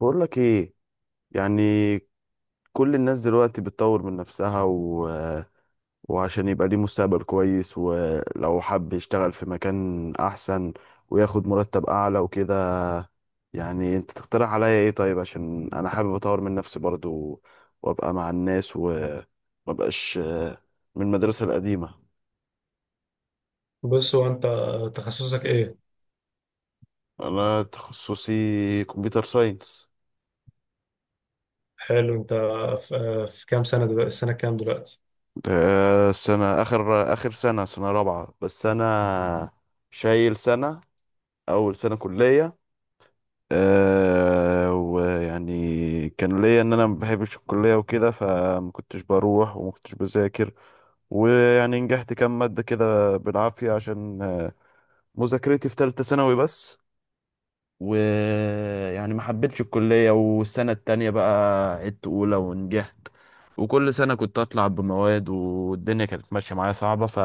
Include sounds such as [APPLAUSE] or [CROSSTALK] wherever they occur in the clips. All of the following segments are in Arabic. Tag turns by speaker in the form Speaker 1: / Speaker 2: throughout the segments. Speaker 1: بقول لك ايه، يعني كل الناس دلوقتي بتطور من نفسها و... وعشان يبقى ليه مستقبل كويس، ولو حب يشتغل في مكان احسن وياخد مرتب اعلى وكده. يعني انت تقترح عليا ايه؟ طيب عشان انا حابب اطور من نفسي برضو وابقى مع الناس ومبقاش من المدرسة القديمة.
Speaker 2: بص، هو انت تخصصك ايه؟
Speaker 1: انا تخصصي كمبيوتر ساينس.
Speaker 2: حلو. انت في كام سنه دلوقتي؟ السنه كام دلوقتي؟
Speaker 1: سنة اخر سنة رابعة، بس انا شايل سنة اول سنه كليه. أه، ويعني كان ليا ان انا ما بحبش الكليه وكده، فما كنتش بروح وما كنتش بذاكر، ويعني نجحت كام ماده كده بالعافيه، عشان مذاكرتي في ثالثه ثانوي بس. ويعني ما حبيتش الكليه، والسنه التانية بقى عدت اولى ونجحت، وكل سنه كنت اطلع بمواد والدنيا كانت ماشيه معايا صعبه. ف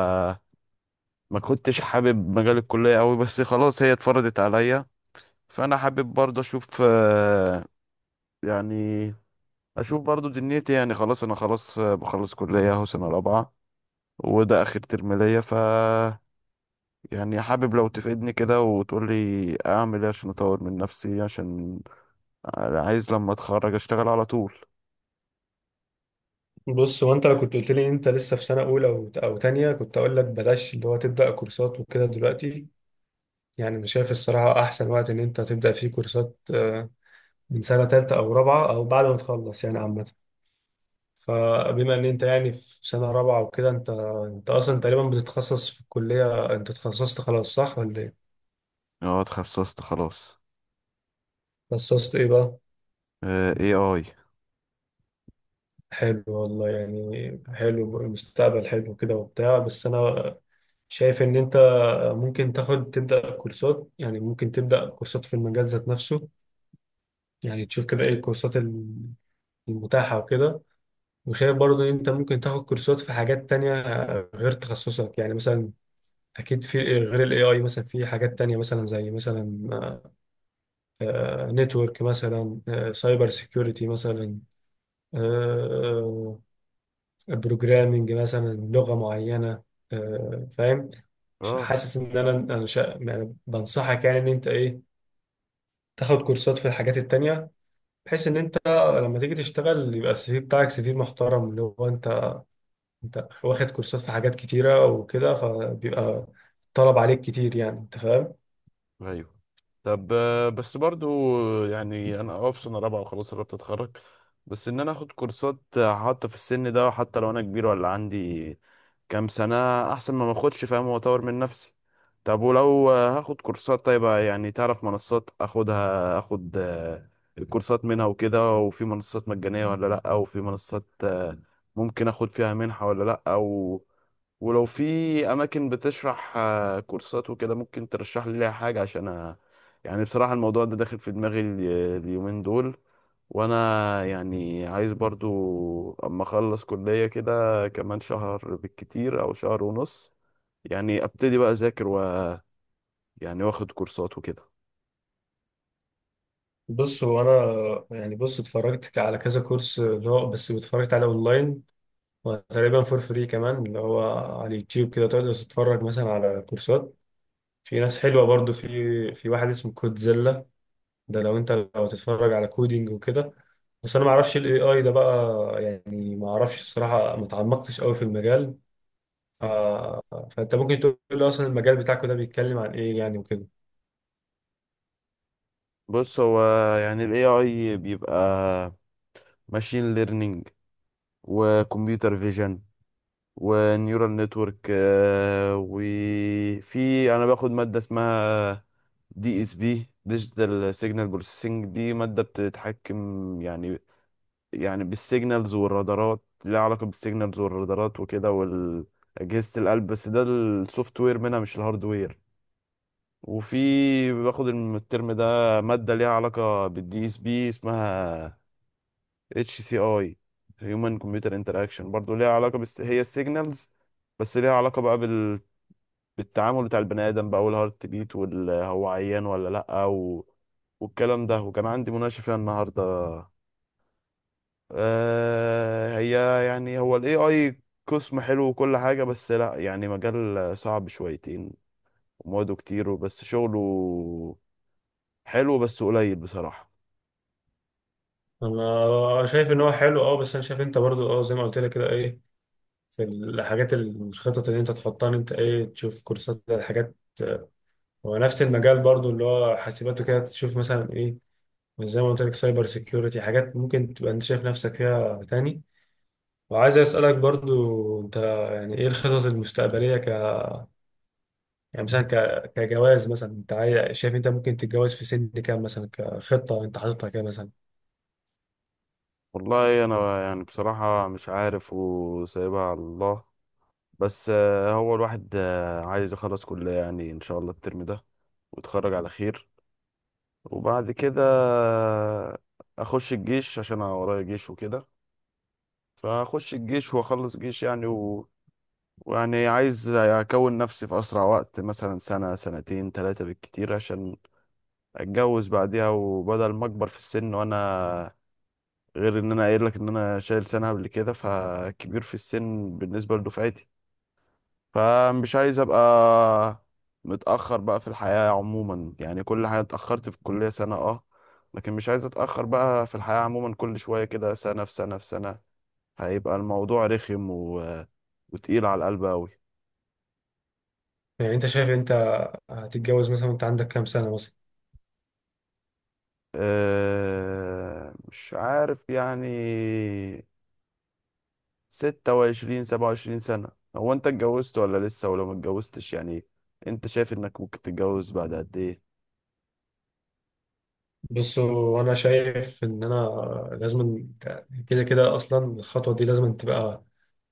Speaker 1: ما كنتش حابب مجال الكلية أوي، بس خلاص هي اتفرضت عليا. فانا حابب برضه اشوف يعني اشوف برضه دنيتي، يعني خلاص انا خلاص بخلص كلية اهو سنة رابعة، وده اخر ترم ليا. ف يعني حابب لو تفيدني كده وتقول لي اعمل ايه عشان اطور من نفسي، عشان عايز لما اتخرج اشتغل على طول.
Speaker 2: بص، هو انت لو كنت قلت لي انت لسه في سنه اولى او تانية، كنت اقول لك بلاش اللي هو تبدا كورسات وكده دلوقتي. يعني انا شايف الصراحه احسن وقت ان انت تبدا فيه كورسات من سنه تالتة او رابعه او بعد ما تخلص يعني، عامه. فبما ان انت يعني في سنه رابعه وكده، انت انت اصلا تقريبا بتتخصص في الكليه، انت تخصصت خلاص، صح ولا ايه؟
Speaker 1: اه اتخصصت خلاص.
Speaker 2: تخصصت ايه بقى؟
Speaker 1: اي اي.
Speaker 2: حلو والله، يعني حلو، المستقبل حلو كده وبتاع. بس انا شايف ان انت ممكن تاخد تبدا كورسات، يعني ممكن تبدا كورسات في المجال ذات نفسه. يعني تشوف كده ايه الكورسات المتاحه وكده. وشايف برضو ان انت ممكن تاخد كورسات في حاجات تانية غير تخصصك. يعني مثلا اكيد في غير الاي اي مثلا في حاجات تانية، مثلا زي مثلا نتورك مثلا، سايبر سيكيورتي مثلا، آه، آه، بروجرامنج مثلا، لغة معينة. فاهم.
Speaker 1: اه AI.
Speaker 2: حاسس ان يعني بنصحك، يعني ان انت ايه، تاخد كورسات في الحاجات التانية، بحيث ان انت لما تيجي تشتغل يبقى السي في بتاعك سي في محترم، اللي هو انت انت واخد كورسات في حاجات كتيرة وكده، فبيبقى طلب عليك كتير. يعني انت فاهم.
Speaker 1: ايوه. طب بس برضو يعني انا اه في سنه رابعه وخلاص قربت اتخرج، بس ان انا اخد كورسات حتى في السن ده، حتى لو انا كبير ولا عندي كام سنه، احسن ما ماخدش، فاهم، واطور من نفسي. طب ولو هاخد كورسات، طيب يعني تعرف منصات اخدها اخد الكورسات منها وكده، وفي منصات مجانيه ولا لا، وفي منصات ممكن اخد فيها منحة ولا لا، او ولو في اماكن بتشرح كورسات وكده ممكن ترشح لي ليها حاجة عشان يعني بصراحة الموضوع ده داخل في دماغي اليومين دول. وانا يعني عايز برضو اما اخلص كلية كده كمان شهر بالكتير او شهر ونص، يعني ابتدي بقى اذاكر و يعني واخد كورسات وكده.
Speaker 2: بص، هو انا يعني، بص، اتفرجت على كذا كورس، اللي هو بس اتفرجت على اونلاين، وتقريبا فور فري كمان، اللي هو على اليوتيوب كده تقدر تتفرج مثلا على كورسات. في ناس حلوة برضو، في واحد اسمه كودزيلا، ده لو انت لو تتفرج على كودينج وكده. بس انا ما اعرفش الاي اي ده بقى، يعني ما اعرفش الصراحة، ما تعمقتش قوي في المجال. آه. فانت ممكن تقول لي اصلا المجال بتاعك ده بيتكلم عن ايه يعني وكده.
Speaker 1: بص هو يعني ال AI بيبقى ماشين ليرنينج وكمبيوتر فيجن ونيورال نتورك، وفي انا باخد ماده اسمها دي اس بي، ديجيتال سيجنال بروسيسنج. دي ماده بتتحكم يعني بالسيجنالز والرادارات، ليها علاقه بالسيجنالز والرادارات وكده واجهزه القلب، بس ده السوفت وير منها مش الهاردوير. وفي باخد الترم ده ماده ليها علاقه بالدي اس بي، اسمها اتش سي اي، هيومن كمبيوتر انتراكشن، برضه ليها علاقه، بس هي السيجنالز، بس ليها علاقه بقى بالتعامل بتاع البني ادم بقى، والهارت بيت وهو عيان ولا لا و... والكلام ده، وكان عندي مناقشه فيها النهارده. آه، هي يعني هو الاي اي قسم حلو وكل حاجه، بس لا يعني مجال صعب شويتين ومواده كتير، وبس شغله حلو بس قليل بصراحه.
Speaker 2: انا شايف ان هو حلو، اه، بس انا شايف انت برضو، اه، زي ما قلت لك كده، ايه، في الحاجات، الخطط اللي انت تحطها، ان انت ايه، تشوف كورسات الحاجات، هو نفس المجال برضو اللي هو حاسبات وكده. تشوف مثلا زي ما قلت لك سايبر سيكيورتي، حاجات ممكن تبقى انت شايف نفسك فيها تاني. وعايز اسالك برضو انت يعني ايه الخطط المستقبليه، ك، يعني مثلا كجواز مثلا. انت شايف انت ممكن تتجوز في سن كام مثلا، كخطه انت حاططها كده مثلا؟
Speaker 1: والله انا يعني بصراحه مش عارف وسايبها على الله. بس هو الواحد عايز يخلص كلية يعني، إن شاء الله الترم ده ويتخرج على خير، وبعد كده أخش الجيش عشان أنا ورايا جيش وكده، فأخش الجيش وأخلص جيش يعني و... ويعني عايز أكون نفسي في أسرع وقت، مثلا سنة سنتين 3 بالكتير، عشان أتجوز بعديها وبدل ما أكبر في السن وأنا، غير إن أنا قايل لك إن أنا شايل سنة قبل كده، فكبير في السن بالنسبة لدفعتي، فمش عايز ابقى متأخر بقى في الحياة عموما. يعني كل حاجة اتأخرت في الكلية سنة، اه، لكن مش عايز اتأخر بقى في الحياة عموما. كل شوية كده سنة في سنة في سنة هيبقى الموضوع رخم و... وتقيل على القلب أوي.
Speaker 2: يعني انت شايف انت هتتجوز مثلا وانت عندك كام سنه مثلا؟
Speaker 1: مش عارف يعني، 26، 27 سنة. هو أنت اتجوزت ولا لسه؟ ولو ما اتجوزتش يعني أنت شايف إنك ممكن تتجوز بعد قد إيه؟
Speaker 2: بص، هو انا شايف ان انا لازم، كده كده اصلا الخطوه دي لازم تبقى،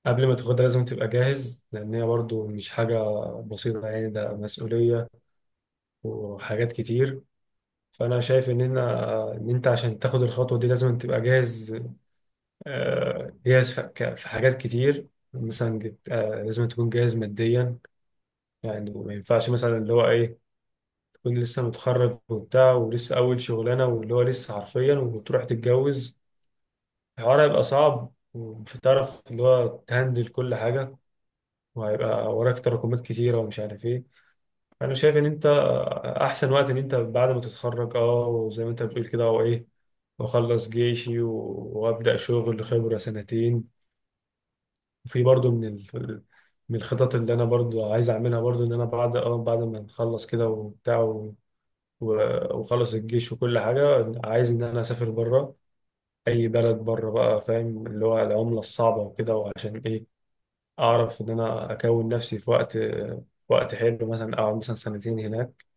Speaker 2: قبل ما تاخدها لازم تبقى جاهز، لان هي برضو مش حاجه بسيطه، يعني ده مسؤوليه وحاجات كتير. فانا شايف ان انا، ان انت عشان تاخد الخطوه دي لازم تبقى جاهز، جاهز في في حاجات كتير. مثلا لازم تكون جاهز ماديا. يعني ما ينفعش مثلا اللي هو ايه، تكون لسه متخرج وبتاع، ولسه اول شغلانه، واللي هو لسه حرفيا، وتروح تتجوز. الحوار هيبقى صعب، ومش هتعرف اللي هو تهندل كل حاجه، وهيبقى وراك تراكمات كتيره، ومش عارف ايه. انا شايف ان انت احسن وقت ان انت بعد ما تتخرج، اه، وزي ما انت بتقول كده، او ايه، واخلص جيشي وابدا شغل خبره سنتين. وفي برضو من من الخطط اللي انا برضو عايز اعملها برضو، ان انا بعد اه بعد ما نخلص كده وبتاع وخلص الجيش وكل حاجه، عايز ان انا اسافر بره. اي بلد بره بقى، فاهم، اللي هو العمله الصعبه وكده، وعشان ايه اعرف ان انا اكون نفسي في وقت، وقت حلو. مثلا اقعد مثلا سنتين هناك،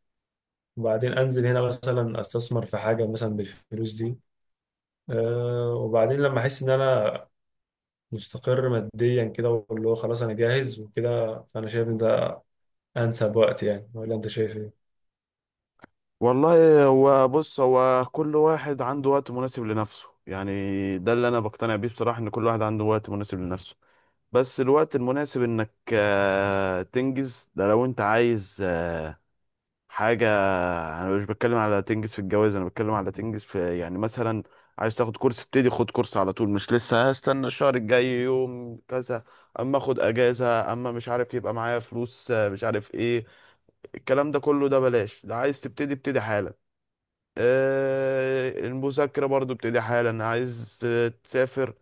Speaker 2: وبعدين انزل هنا مثلا استثمر في حاجه مثلا بالفلوس دي. أه، وبعدين لما احس ان انا مستقر ماديا كده، واللي هو خلاص انا جاهز وكده، فانا شايف ان ده انسب وقت. يعني ولا انت شايف ايه؟
Speaker 1: والله هو بص، هو كل واحد عنده وقت مناسب لنفسه يعني، ده اللي انا بقتنع بيه بصراحة، ان كل واحد عنده وقت مناسب لنفسه. بس الوقت المناسب انك تنجز ده لو انت عايز حاجة. انا مش بتكلم على تنجز في الجواز، انا بتكلم على تنجز في، يعني مثلا عايز تاخد كورس ابتدي خد كورس على طول، مش لسه هستنى الشهر الجاي يوم كذا، اما اخد اجازة اما مش عارف يبقى معايا فلوس مش عارف ايه، الكلام ده كله ده بلاش. ده عايز تبتدي ابتدي حالا، المذاكرة برضو ابتدي حالا، عايز تسافر،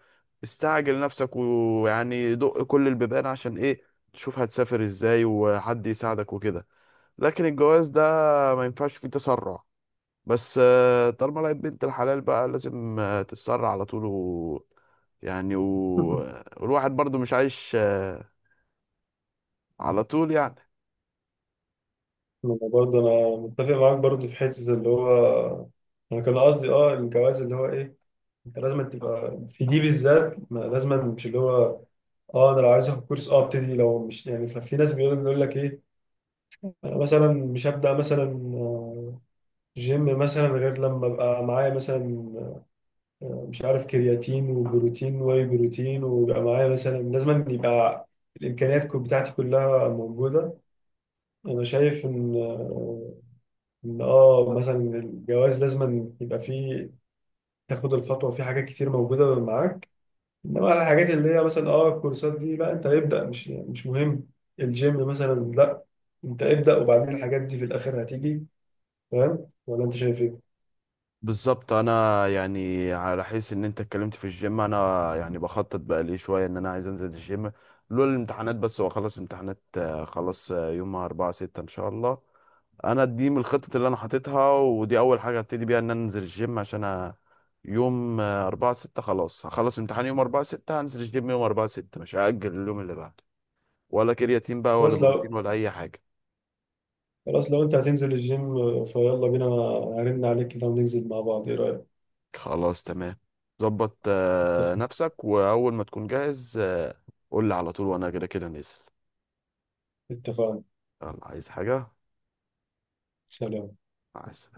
Speaker 1: استعجل نفسك ويعني دق كل البيبان، عشان ايه، تشوف هتسافر ازاي وحد يساعدك وكده. لكن الجواز ده ما ينفعش فيه تسرع، بس طالما لقيت بنت الحلال بقى لازم تتسرع على طول و يعني و...
Speaker 2: [LAUGHS]
Speaker 1: والواحد برضو مش عايش على طول يعني.
Speaker 2: انا برضه انا متفق معاك برضه في حته، اللي هو انا كان قصدي اه الجواز، اللي هو ايه، انت لازم تبقى في دي بالذات، ما لازم، مش اللي هو، اه انا لو عايز اخد كورس اه ابتدي، لو مش يعني. ففي ناس بيقول لك ايه، انا مثلا مش هبدا مثلا جيم مثلا غير لما ابقى معايا مثلا، مش عارف، كرياتين وبروتين واي بروتين، ويبقى معايا مثلا، لازم يبقى الامكانيات بتاعتي كلها موجوده. انا شايف ان ان اه مثلا الجواز لازم يبقى فيه، تاخد الخطوه في حاجات كتير موجوده معاك. انما الحاجات اللي هي مثلا اه الكورسات دي لا، انت ابدا، مش مهم. الجيم مثلا لا، انت ابدا، وبعدين الحاجات دي في الاخر هتيجي. فاهم ولا انت شايف ايه؟
Speaker 1: بالظبط، انا يعني على حيث ان انت اتكلمت في الجيم، انا يعني بخطط بقى لي شويه ان انا عايز انزل الجيم، لولا الامتحانات. بس واخلص امتحانات خلاص يوم 4 6 ان شاء الله. انا دي من الخطط اللي انا حاططها، ودي اول حاجه ابتدي بيها، ان انا انزل الجيم عشان يوم 4 6 خلاص هخلص امتحان يوم 4 6 هنزل الجيم يوم 4 6، مش هأجل اليوم اللي بعده، ولا كرياتين بقى ولا
Speaker 2: بس لو،
Speaker 1: بروتين ولا اي حاجه.
Speaker 2: خلاص لو انت هتنزل الجيم، فيلا بينا، انا هرن عليك كده وننزل مع بعض، ايه رأيك؟
Speaker 1: خلاص تمام. ظبط
Speaker 2: اتفق.
Speaker 1: نفسك واول ما تكون جاهز قول لي على طول، وانا كده كده نازل.
Speaker 2: اتفقنا.
Speaker 1: يلا، عايز حاجة؟
Speaker 2: سلام.
Speaker 1: عايز.